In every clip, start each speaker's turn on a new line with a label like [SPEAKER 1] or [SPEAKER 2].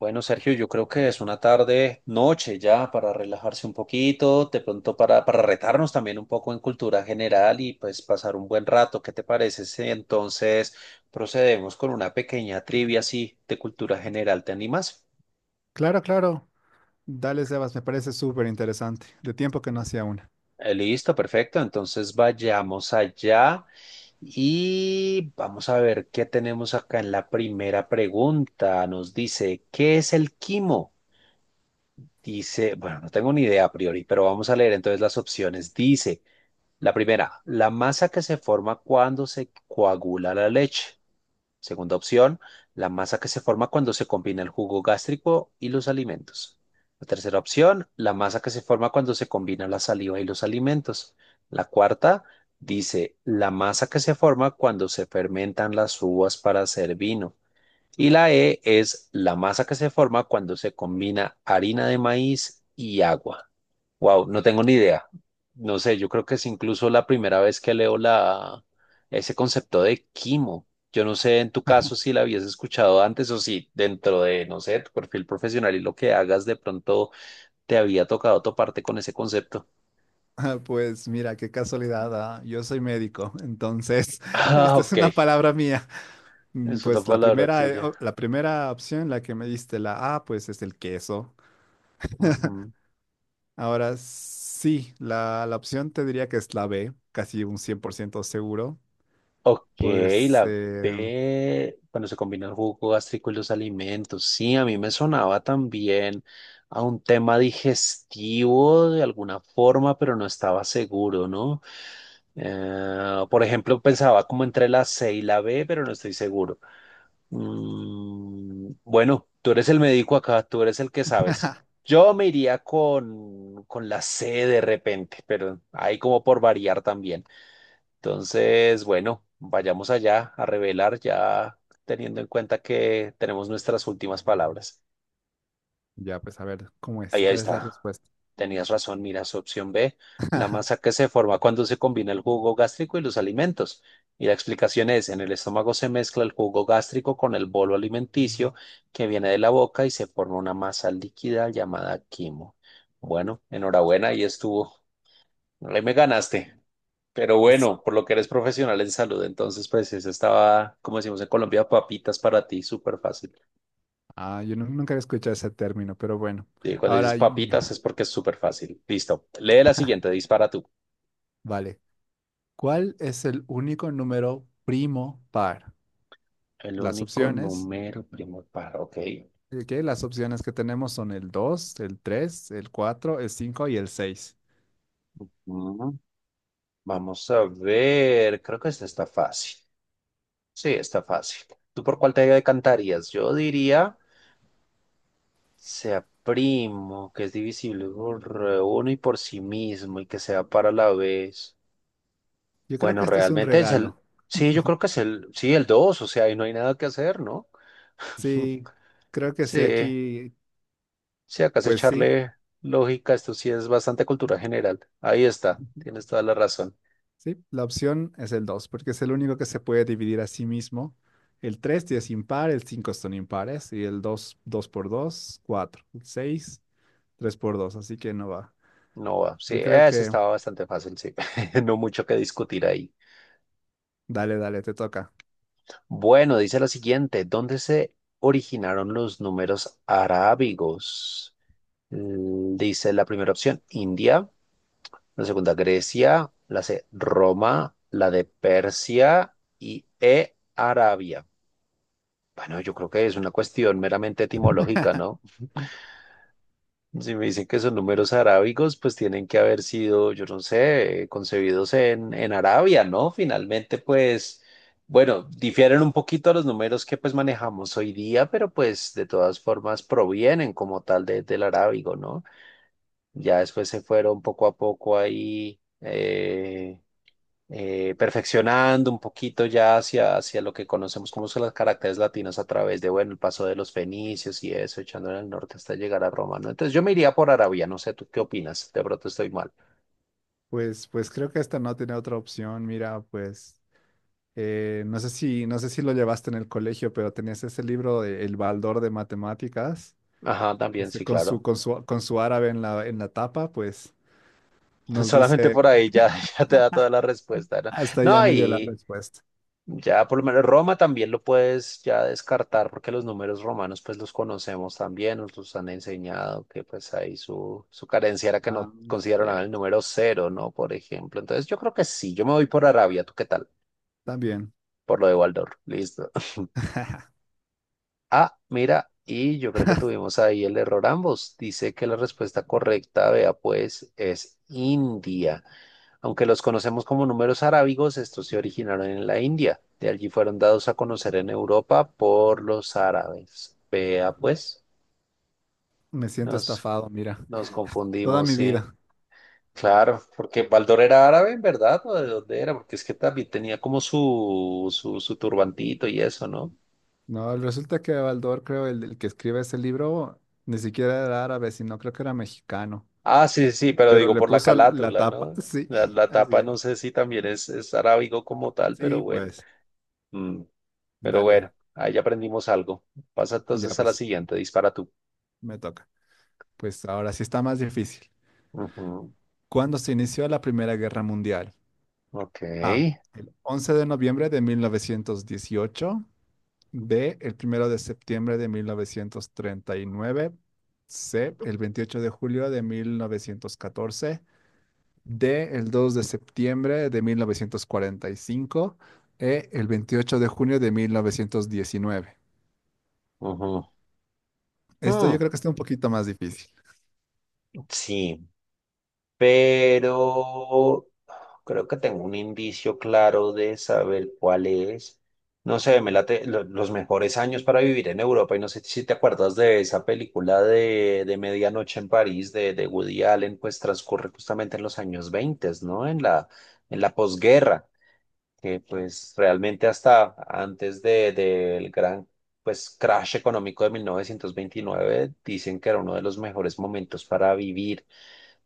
[SPEAKER 1] Bueno, Sergio, yo creo que es una tarde, noche ya, para relajarse un poquito, de pronto para retarnos también un poco en cultura general y pues pasar un buen rato. ¿Qué te parece si entonces procedemos con una pequeña trivia así de cultura general? ¿Te animas?
[SPEAKER 2] Claro, claro. Dale, Sebas, me parece súper interesante. De tiempo que no hacía una.
[SPEAKER 1] Listo, perfecto. Entonces vayamos allá y vamos a ver qué tenemos acá en la primera pregunta. Nos dice, ¿qué es el quimo? Dice, bueno, no tengo ni idea a priori, pero vamos a leer entonces las opciones. Dice, la primera, la masa que se forma cuando se coagula la leche. Segunda opción, la masa que se forma cuando se combina el jugo gástrico y los alimentos. La tercera opción, la masa que se forma cuando se combina la saliva y los alimentos. La cuarta, dice, la masa que se forma cuando se fermentan las uvas para hacer vino. Y la E es la masa que se forma cuando se combina harina de maíz y agua. Wow, no tengo ni idea. No sé, yo creo que es incluso la primera vez que leo ese concepto de quimo. Yo no sé en tu caso si la habías escuchado antes o si dentro de, no sé, tu perfil profesional y lo que hagas de pronto te había tocado toparte con ese concepto.
[SPEAKER 2] Pues mira, qué casualidad, yo soy médico, entonces
[SPEAKER 1] Ah,
[SPEAKER 2] esta es
[SPEAKER 1] ok,
[SPEAKER 2] una palabra mía.
[SPEAKER 1] es una
[SPEAKER 2] Pues la
[SPEAKER 1] palabra
[SPEAKER 2] primera,
[SPEAKER 1] tuya.
[SPEAKER 2] la primera opción, la que me diste, la A, pues es el queso.
[SPEAKER 1] Ujú.
[SPEAKER 2] Ahora sí, la opción te diría que es la B, casi un 100% seguro.
[SPEAKER 1] Ok,
[SPEAKER 2] Pues
[SPEAKER 1] la B, cuando se combina el jugo gástrico y los alimentos. Sí, a mí me sonaba también a un tema digestivo de alguna forma, pero no estaba seguro, ¿no? Por ejemplo, pensaba como entre la C y la B, pero no estoy seguro. Bueno, tú eres el médico acá, tú eres el que sabes. Yo me iría con la C de repente, pero ahí como por variar también. Entonces, bueno, vayamos allá a revelar ya teniendo en cuenta que tenemos nuestras últimas palabras.
[SPEAKER 2] ya, pues a ver, ¿cómo es?
[SPEAKER 1] Ahí
[SPEAKER 2] ¿Qué es la
[SPEAKER 1] está.
[SPEAKER 2] respuesta?
[SPEAKER 1] Tenías razón, mira, su opción B, la masa que se forma cuando se combina el jugo gástrico y los alimentos. Y la explicación es, en el estómago se mezcla el jugo gástrico con el bolo alimenticio que viene de la boca y se forma una masa líquida llamada quimo. Bueno, enhorabuena, ahí estuvo. Ahí me ganaste. Pero
[SPEAKER 2] Pues,
[SPEAKER 1] bueno, por lo que eres profesional en salud, entonces pues eso estaba, como decimos en Colombia, papitas para ti, súper fácil.
[SPEAKER 2] yo nunca he escuchado ese término, pero bueno.
[SPEAKER 1] Y cuando dices
[SPEAKER 2] Ahora yo.
[SPEAKER 1] papitas es porque es súper fácil. Listo. Lee la siguiente, dispara tú.
[SPEAKER 2] Vale. ¿Cuál es el único número primo par?
[SPEAKER 1] El
[SPEAKER 2] Las
[SPEAKER 1] único
[SPEAKER 2] opciones,
[SPEAKER 1] número primo par, ok.
[SPEAKER 2] ¿qué? Las opciones que tenemos son el 2, el 3, el 4, el 5 y el 6.
[SPEAKER 1] Mm, Vamos a ver, creo que esta está fácil. Sí, está fácil. ¿Tú por cuál te decantarías? Yo diría, sea primo, que es divisible por uno y por sí mismo y que sea para la vez.
[SPEAKER 2] Yo creo
[SPEAKER 1] Bueno,
[SPEAKER 2] que este es un
[SPEAKER 1] realmente es el,
[SPEAKER 2] regalo.
[SPEAKER 1] sí, yo creo que es el, sí, el 2, o sea, ahí no hay nada que hacer, ¿no?
[SPEAKER 2] Sí, creo que sí,
[SPEAKER 1] Sí,
[SPEAKER 2] aquí,
[SPEAKER 1] sí, acá es
[SPEAKER 2] pues sí.
[SPEAKER 1] echarle lógica, esto sí es bastante cultura general. Ahí está,
[SPEAKER 2] Ujú.
[SPEAKER 1] tienes toda la razón.
[SPEAKER 2] Sí, la opción es el 2, porque es el único que se puede dividir a sí mismo. El 3 sí es impar, el 5 son impares y el 2, 2 por 2, 4. El 6, 3 por 2, así que no va.
[SPEAKER 1] No va, sí,
[SPEAKER 2] Yo creo
[SPEAKER 1] ese
[SPEAKER 2] que,
[SPEAKER 1] estaba bastante fácil, sí, no mucho que discutir ahí.
[SPEAKER 2] dale, dale, te toca.
[SPEAKER 1] Bueno, dice la siguiente, ¿dónde se originaron los números arábigos? Dice la primera opción, India. La segunda Grecia, la C Roma, la de Persia y E Arabia. Bueno, yo creo que es una cuestión meramente etimológica, ¿no? Si me dicen que son números arábigos, pues tienen que haber sido, yo no sé, concebidos en Arabia, ¿no? Finalmente, pues, bueno, difieren un poquito a los números que pues manejamos hoy día, pero pues de todas formas provienen como tal del arábigo, ¿no? Ya después se fueron poco a poco ahí. Perfeccionando un poquito ya hacia, hacia lo que conocemos como son las caracteres latinas a través de, bueno, el paso de los fenicios y eso, echando en el norte hasta llegar a Roma, ¿no? Entonces yo me iría por Arabia, no sé, ¿tú qué opinas? De pronto estoy mal.
[SPEAKER 2] Pues, pues creo que esta no tiene otra opción. Mira, pues no sé si, no sé si lo llevaste en el colegio, pero tenías ese libro de El Baldor de Matemáticas,
[SPEAKER 1] Ajá, también,
[SPEAKER 2] este,
[SPEAKER 1] sí, claro.
[SPEAKER 2] con su árabe en en la tapa, pues nos
[SPEAKER 1] Solamente
[SPEAKER 2] dice,
[SPEAKER 1] por ahí ya, ya te da toda la respuesta, ¿no?
[SPEAKER 2] hasta ya
[SPEAKER 1] No,
[SPEAKER 2] me dio la
[SPEAKER 1] y
[SPEAKER 2] respuesta.
[SPEAKER 1] ya por lo menos Roma también lo puedes ya descartar porque los números romanos pues los conocemos también, nos los han enseñado que pues ahí su carencia era que no
[SPEAKER 2] Ah,
[SPEAKER 1] consideraban el
[SPEAKER 2] cierto.
[SPEAKER 1] número cero, ¿no? Por ejemplo. Entonces yo creo que sí, yo me voy por Arabia, ¿tú qué tal?
[SPEAKER 2] También
[SPEAKER 1] Por lo de Waldorf, listo. Ah, mira, y yo creo que tuvimos ahí el error ambos. Dice que la respuesta correcta, vea pues, es India. Aunque los conocemos como números arábigos, estos se originaron en la India. De allí fueron dados a conocer en Europa por los árabes. Vea, pues,
[SPEAKER 2] me siento
[SPEAKER 1] nos,
[SPEAKER 2] estafado, mira,
[SPEAKER 1] nos
[SPEAKER 2] toda
[SPEAKER 1] confundimos,
[SPEAKER 2] mi
[SPEAKER 1] sí.
[SPEAKER 2] vida.
[SPEAKER 1] Claro, porque Baldor era árabe, ¿verdad? ¿O de dónde era? Porque es que también tenía como su turbantito y eso, ¿no?
[SPEAKER 2] No, resulta que Baldor, creo, el que escribe ese libro, ni siquiera era árabe, sino creo que era mexicano,
[SPEAKER 1] Ah, sí, sí, pero
[SPEAKER 2] pero
[SPEAKER 1] digo
[SPEAKER 2] le
[SPEAKER 1] por la
[SPEAKER 2] puso la
[SPEAKER 1] calátula,
[SPEAKER 2] tapa,
[SPEAKER 1] ¿no?
[SPEAKER 2] sí,
[SPEAKER 1] La
[SPEAKER 2] así
[SPEAKER 1] tapa
[SPEAKER 2] es.
[SPEAKER 1] no sé si también es arábigo como tal, pero
[SPEAKER 2] Sí,
[SPEAKER 1] bueno.
[SPEAKER 2] pues.
[SPEAKER 1] Mm, Pero
[SPEAKER 2] Dale,
[SPEAKER 1] bueno, ahí aprendimos algo. Pasa
[SPEAKER 2] ya
[SPEAKER 1] entonces a la
[SPEAKER 2] pues,
[SPEAKER 1] siguiente, dispara tú.
[SPEAKER 2] me toca. Pues ahora sí está más difícil.
[SPEAKER 1] Ujú.
[SPEAKER 2] ¿Cuándo se inició la Primera Guerra Mundial?
[SPEAKER 1] Ok.
[SPEAKER 2] A. El 11 de noviembre de 1918. B. El primero de septiembre de 1939. C. El 28 de julio de 1914. D. El 2 de septiembre de 1945. E. El 28 de junio de 1919.
[SPEAKER 1] Ujú.
[SPEAKER 2] Esto yo
[SPEAKER 1] mm,
[SPEAKER 2] creo que está un poquito más difícil.
[SPEAKER 1] Sí, pero creo que tengo un indicio claro de saber cuál es. No sé, me late los mejores años para vivir en Europa. Y no sé si te acuerdas de esa película de Medianoche en París de Woody Allen, pues transcurre justamente en los años veinte, ¿no? En la posguerra, que pues realmente hasta antes del gran pues crash económico de 1929 dicen que era uno de los mejores momentos para vivir.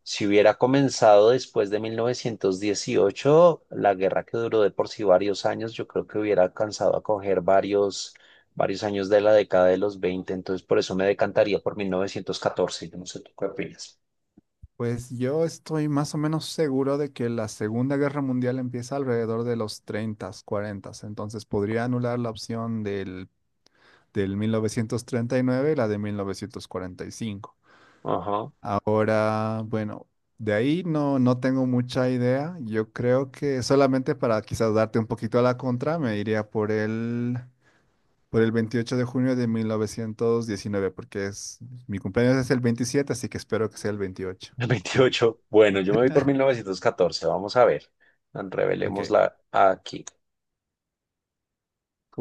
[SPEAKER 1] Si hubiera comenzado después de 1918 la guerra que duró de por sí varios años, yo creo que hubiera alcanzado a coger varios, varios años de la década de los 20. Entonces por eso me decantaría por 1914, yo no sé tú qué opinas.
[SPEAKER 2] Pues yo estoy más o menos seguro de que la Segunda Guerra Mundial empieza alrededor de los 30, 40, entonces podría anular la opción del mil novecientos treinta y nueve, y la de 1945.
[SPEAKER 1] Ajá.
[SPEAKER 2] Ahora, bueno, de ahí no, no tengo mucha idea. Yo creo que solamente para quizás darte un poquito a la contra, me iría por por el 28 de junio de 1919, porque es, mi cumpleaños es el 27, así que espero que sea el 28.
[SPEAKER 1] 28. Bueno, yo me voy por 1914. Vamos a ver.
[SPEAKER 2] Ok.
[SPEAKER 1] Revelémosla aquí.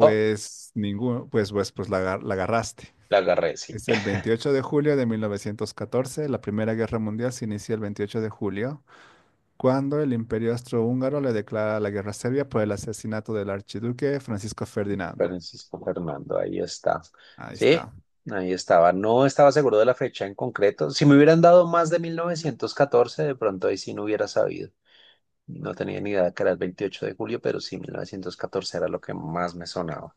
[SPEAKER 1] Oh,
[SPEAKER 2] ninguno, pues, pues, pues la, la agarraste.
[SPEAKER 1] la agarré, sí.
[SPEAKER 2] Es el 28 de julio de 1914. La Primera Guerra Mundial se inicia el 28 de julio, cuando el Imperio Austrohúngaro le declara la guerra a Serbia por el asesinato del archiduque Francisco Ferdinando.
[SPEAKER 1] Francisco Fernando, ahí está.
[SPEAKER 2] Ahí
[SPEAKER 1] Sí,
[SPEAKER 2] está.
[SPEAKER 1] ahí estaba. No estaba seguro de la fecha en concreto. Si me hubieran dado más de 1914, de pronto ahí sí no hubiera sabido. No tenía ni idea que era el 28 de julio, pero sí, 1914 era lo que más me sonaba.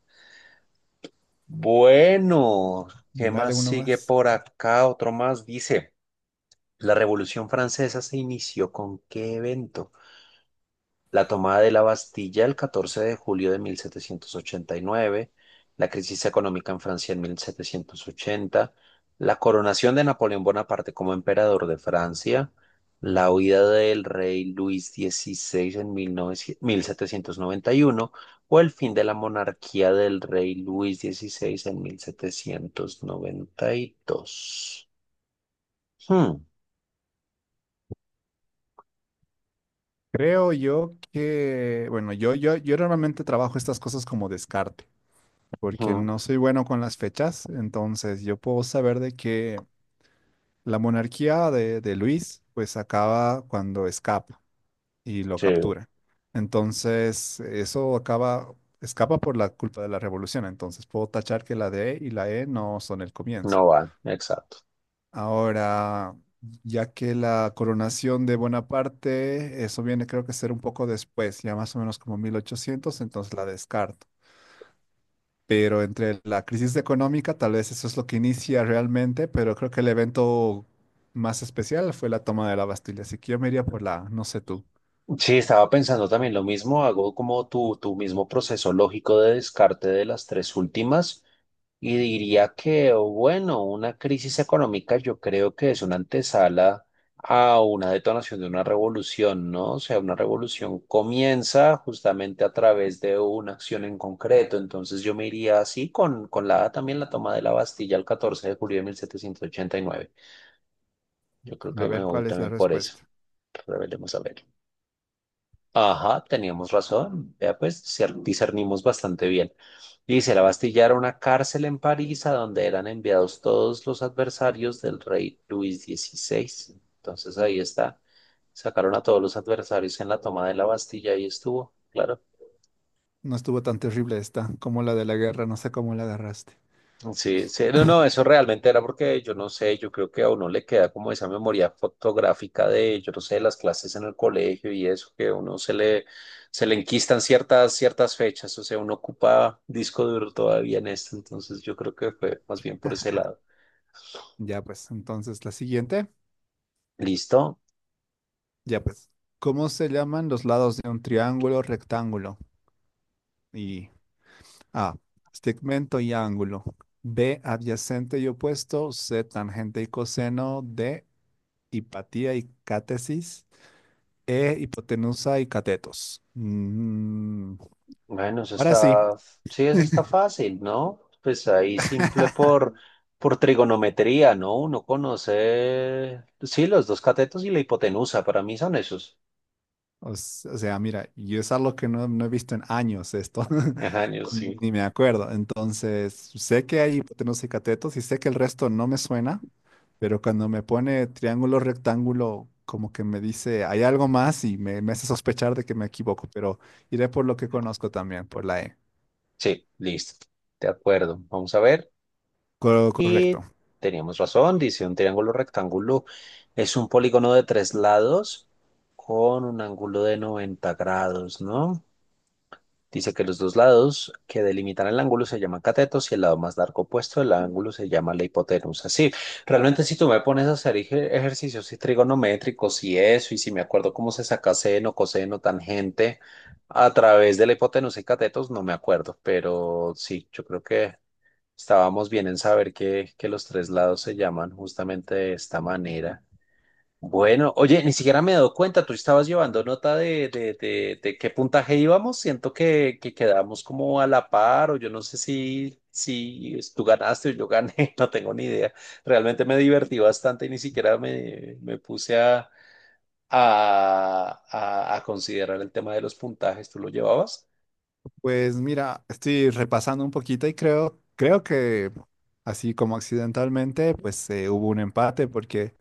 [SPEAKER 1] Bueno, ¿qué
[SPEAKER 2] Dale
[SPEAKER 1] más
[SPEAKER 2] uno
[SPEAKER 1] sigue
[SPEAKER 2] más.
[SPEAKER 1] por acá? Otro más dice. La Revolución Francesa se inició con ¿qué evento? La tomada de la Bastilla el 14 de julio de 1789, la crisis económica en Francia en 1780, la coronación de Napoleón Bonaparte como emperador de Francia, la huida del rey Luis XVI en mil novecientos mil setecientos noventa y uno o el fin de la monarquía del rey Luis XVI en 1792. Hmm.
[SPEAKER 2] Creo yo que, bueno, yo normalmente trabajo estas cosas como descarte, porque
[SPEAKER 1] Ujú.
[SPEAKER 2] no soy bueno con las fechas, entonces yo puedo saber de que la monarquía de Luis pues acaba cuando escapa. Y lo
[SPEAKER 1] Sí,
[SPEAKER 2] captura. Entonces, eso acaba, escapa por la culpa de la revolución. Entonces, puedo tachar que la D y la E no son el
[SPEAKER 1] no
[SPEAKER 2] comienzo.
[SPEAKER 1] va, exacto.
[SPEAKER 2] Ahora, ya que la coronación de Bonaparte, eso viene creo que ser un poco después, ya más o menos como mil ochocientos, entonces la descarto. Pero entre la crisis económica, tal vez eso es lo que inicia realmente, pero creo que el evento más especial fue la toma de la Bastilla. Así que yo me iría por la, no sé tú.
[SPEAKER 1] Sí, estaba pensando también lo mismo, hago como tu mismo proceso lógico de descarte de las tres últimas y diría que, bueno, una crisis económica yo creo que es una antesala a una detonación de una revolución, ¿no? O sea, una revolución comienza justamente a través de una acción en concreto, entonces yo me iría así con la también la toma de la Bastilla el 14 de julio de 1789. Yo creo
[SPEAKER 2] A
[SPEAKER 1] que me
[SPEAKER 2] ver
[SPEAKER 1] voy
[SPEAKER 2] cuál es la
[SPEAKER 1] también por eso.
[SPEAKER 2] respuesta.
[SPEAKER 1] Revelemos a ver. Ajá, teníamos razón. Ya pues discernimos bastante bien. Dice, la Bastilla era una cárcel en París a donde eran enviados todos los adversarios del rey Luis XVI. Entonces ahí está. Sacaron a todos los adversarios en la toma de la Bastilla y estuvo. Claro.
[SPEAKER 2] No estuvo tan terrible esta como la de la guerra, no sé cómo la agarraste.
[SPEAKER 1] Sí, sí, no, no, eso realmente era porque yo no sé, yo creo que a uno le queda como esa memoria fotográfica de, yo no sé, las clases en el colegio y eso, que a uno se le enquistan ciertas, ciertas fechas, o sea, uno ocupa disco duro todavía en esto, entonces yo creo que fue más bien por ese lado.
[SPEAKER 2] Ya pues, entonces la siguiente,
[SPEAKER 1] ¿Listo?
[SPEAKER 2] ya pues. ¿Cómo se llaman los lados de un triángulo rectángulo? Y A, segmento y ángulo. B, adyacente y opuesto. C, tangente y coseno. D, hipatía y cátesis. E, hipotenusa y catetos. Mm,
[SPEAKER 1] Bueno, eso
[SPEAKER 2] ahora sí.
[SPEAKER 1] está, sí, eso está fácil, ¿no? Pues ahí simple por trigonometría, ¿no? Uno conoce, sí, los dos catetos y la hipotenusa, para mí son esos.
[SPEAKER 2] O o sea, mira, yo es algo que no, no he visto en años esto.
[SPEAKER 1] Ajá, yo sí.
[SPEAKER 2] Ni me acuerdo. Entonces, sé que hay hipotenusa y catetos y sé que el resto no me suena, pero cuando me pone triángulo, rectángulo, como que me dice, hay algo más y me hace sospechar de que me equivoco, pero iré por lo que conozco también, por la E.
[SPEAKER 1] Sí, listo. De acuerdo. Vamos a ver. Y
[SPEAKER 2] Correcto.
[SPEAKER 1] teníamos razón. Dice un triángulo rectángulo es un polígono de tres lados con un ángulo de 90 grados, ¿no? Dice que los dos lados que delimitan el ángulo se llaman catetos y el lado más largo opuesto del ángulo se llama la hipotenusa. Sí, realmente si tú me pones a hacer ejercicios y trigonométricos y eso, y si me acuerdo cómo se saca seno, coseno, tangente a través de la hipotenusa y catetos, no me acuerdo, pero sí, yo creo que estábamos bien en saber que los tres lados se llaman justamente de esta manera. Bueno, oye, ni siquiera me he dado cuenta, tú estabas llevando nota de qué puntaje íbamos, siento que quedamos como a la par, o yo no sé si, tú ganaste o yo gané, no tengo ni idea. Realmente me divertí bastante y ni siquiera me puse a, a considerar el tema de los puntajes, ¿tú lo llevabas?
[SPEAKER 2] Pues mira, estoy repasando un poquito y creo, creo que así como accidentalmente, pues hubo un empate porque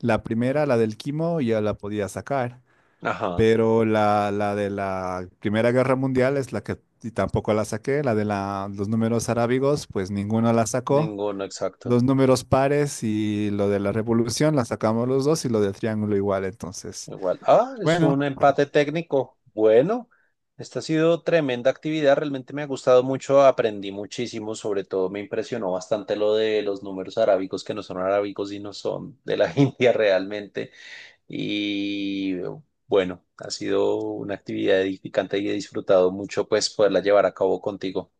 [SPEAKER 2] la primera, la del quimo, ya la podía sacar.
[SPEAKER 1] Ajá,
[SPEAKER 2] Pero la de la Primera Guerra Mundial es la que y tampoco la saqué. La de los números arábigos, pues ninguno la sacó.
[SPEAKER 1] ninguno, exacto.
[SPEAKER 2] Los números pares y lo de la revolución la sacamos los dos y lo del triángulo igual. Entonces,
[SPEAKER 1] Igual. Ah, es
[SPEAKER 2] bueno,
[SPEAKER 1] un empate técnico. Bueno, esta ha sido tremenda actividad. Realmente me ha gustado mucho. Aprendí muchísimo. Sobre todo me impresionó bastante lo de los números arábicos que no son arábicos y no son de la India realmente. Y bueno, ha sido una actividad edificante y he disfrutado mucho pues poderla llevar a cabo contigo.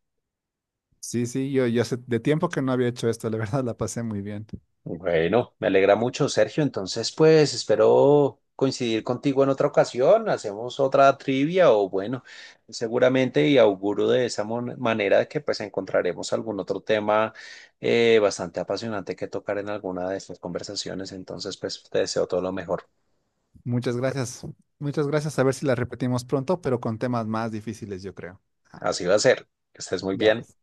[SPEAKER 2] sí, sí, yo hace de tiempo que no había hecho esto. La verdad la pasé muy bien.
[SPEAKER 1] Bueno, me alegra mucho, Sergio. Entonces, pues espero coincidir contigo en otra ocasión. Hacemos otra trivia o bueno, seguramente y auguro de esa manera que pues encontraremos algún otro tema bastante apasionante que tocar en alguna de estas conversaciones. Entonces, pues te deseo todo lo mejor.
[SPEAKER 2] Muchas gracias. Muchas gracias. A ver si la repetimos pronto, pero con temas más difíciles, yo creo. Ajá,
[SPEAKER 1] Así va a ser. Que estés muy
[SPEAKER 2] ya
[SPEAKER 1] bien.
[SPEAKER 2] pues.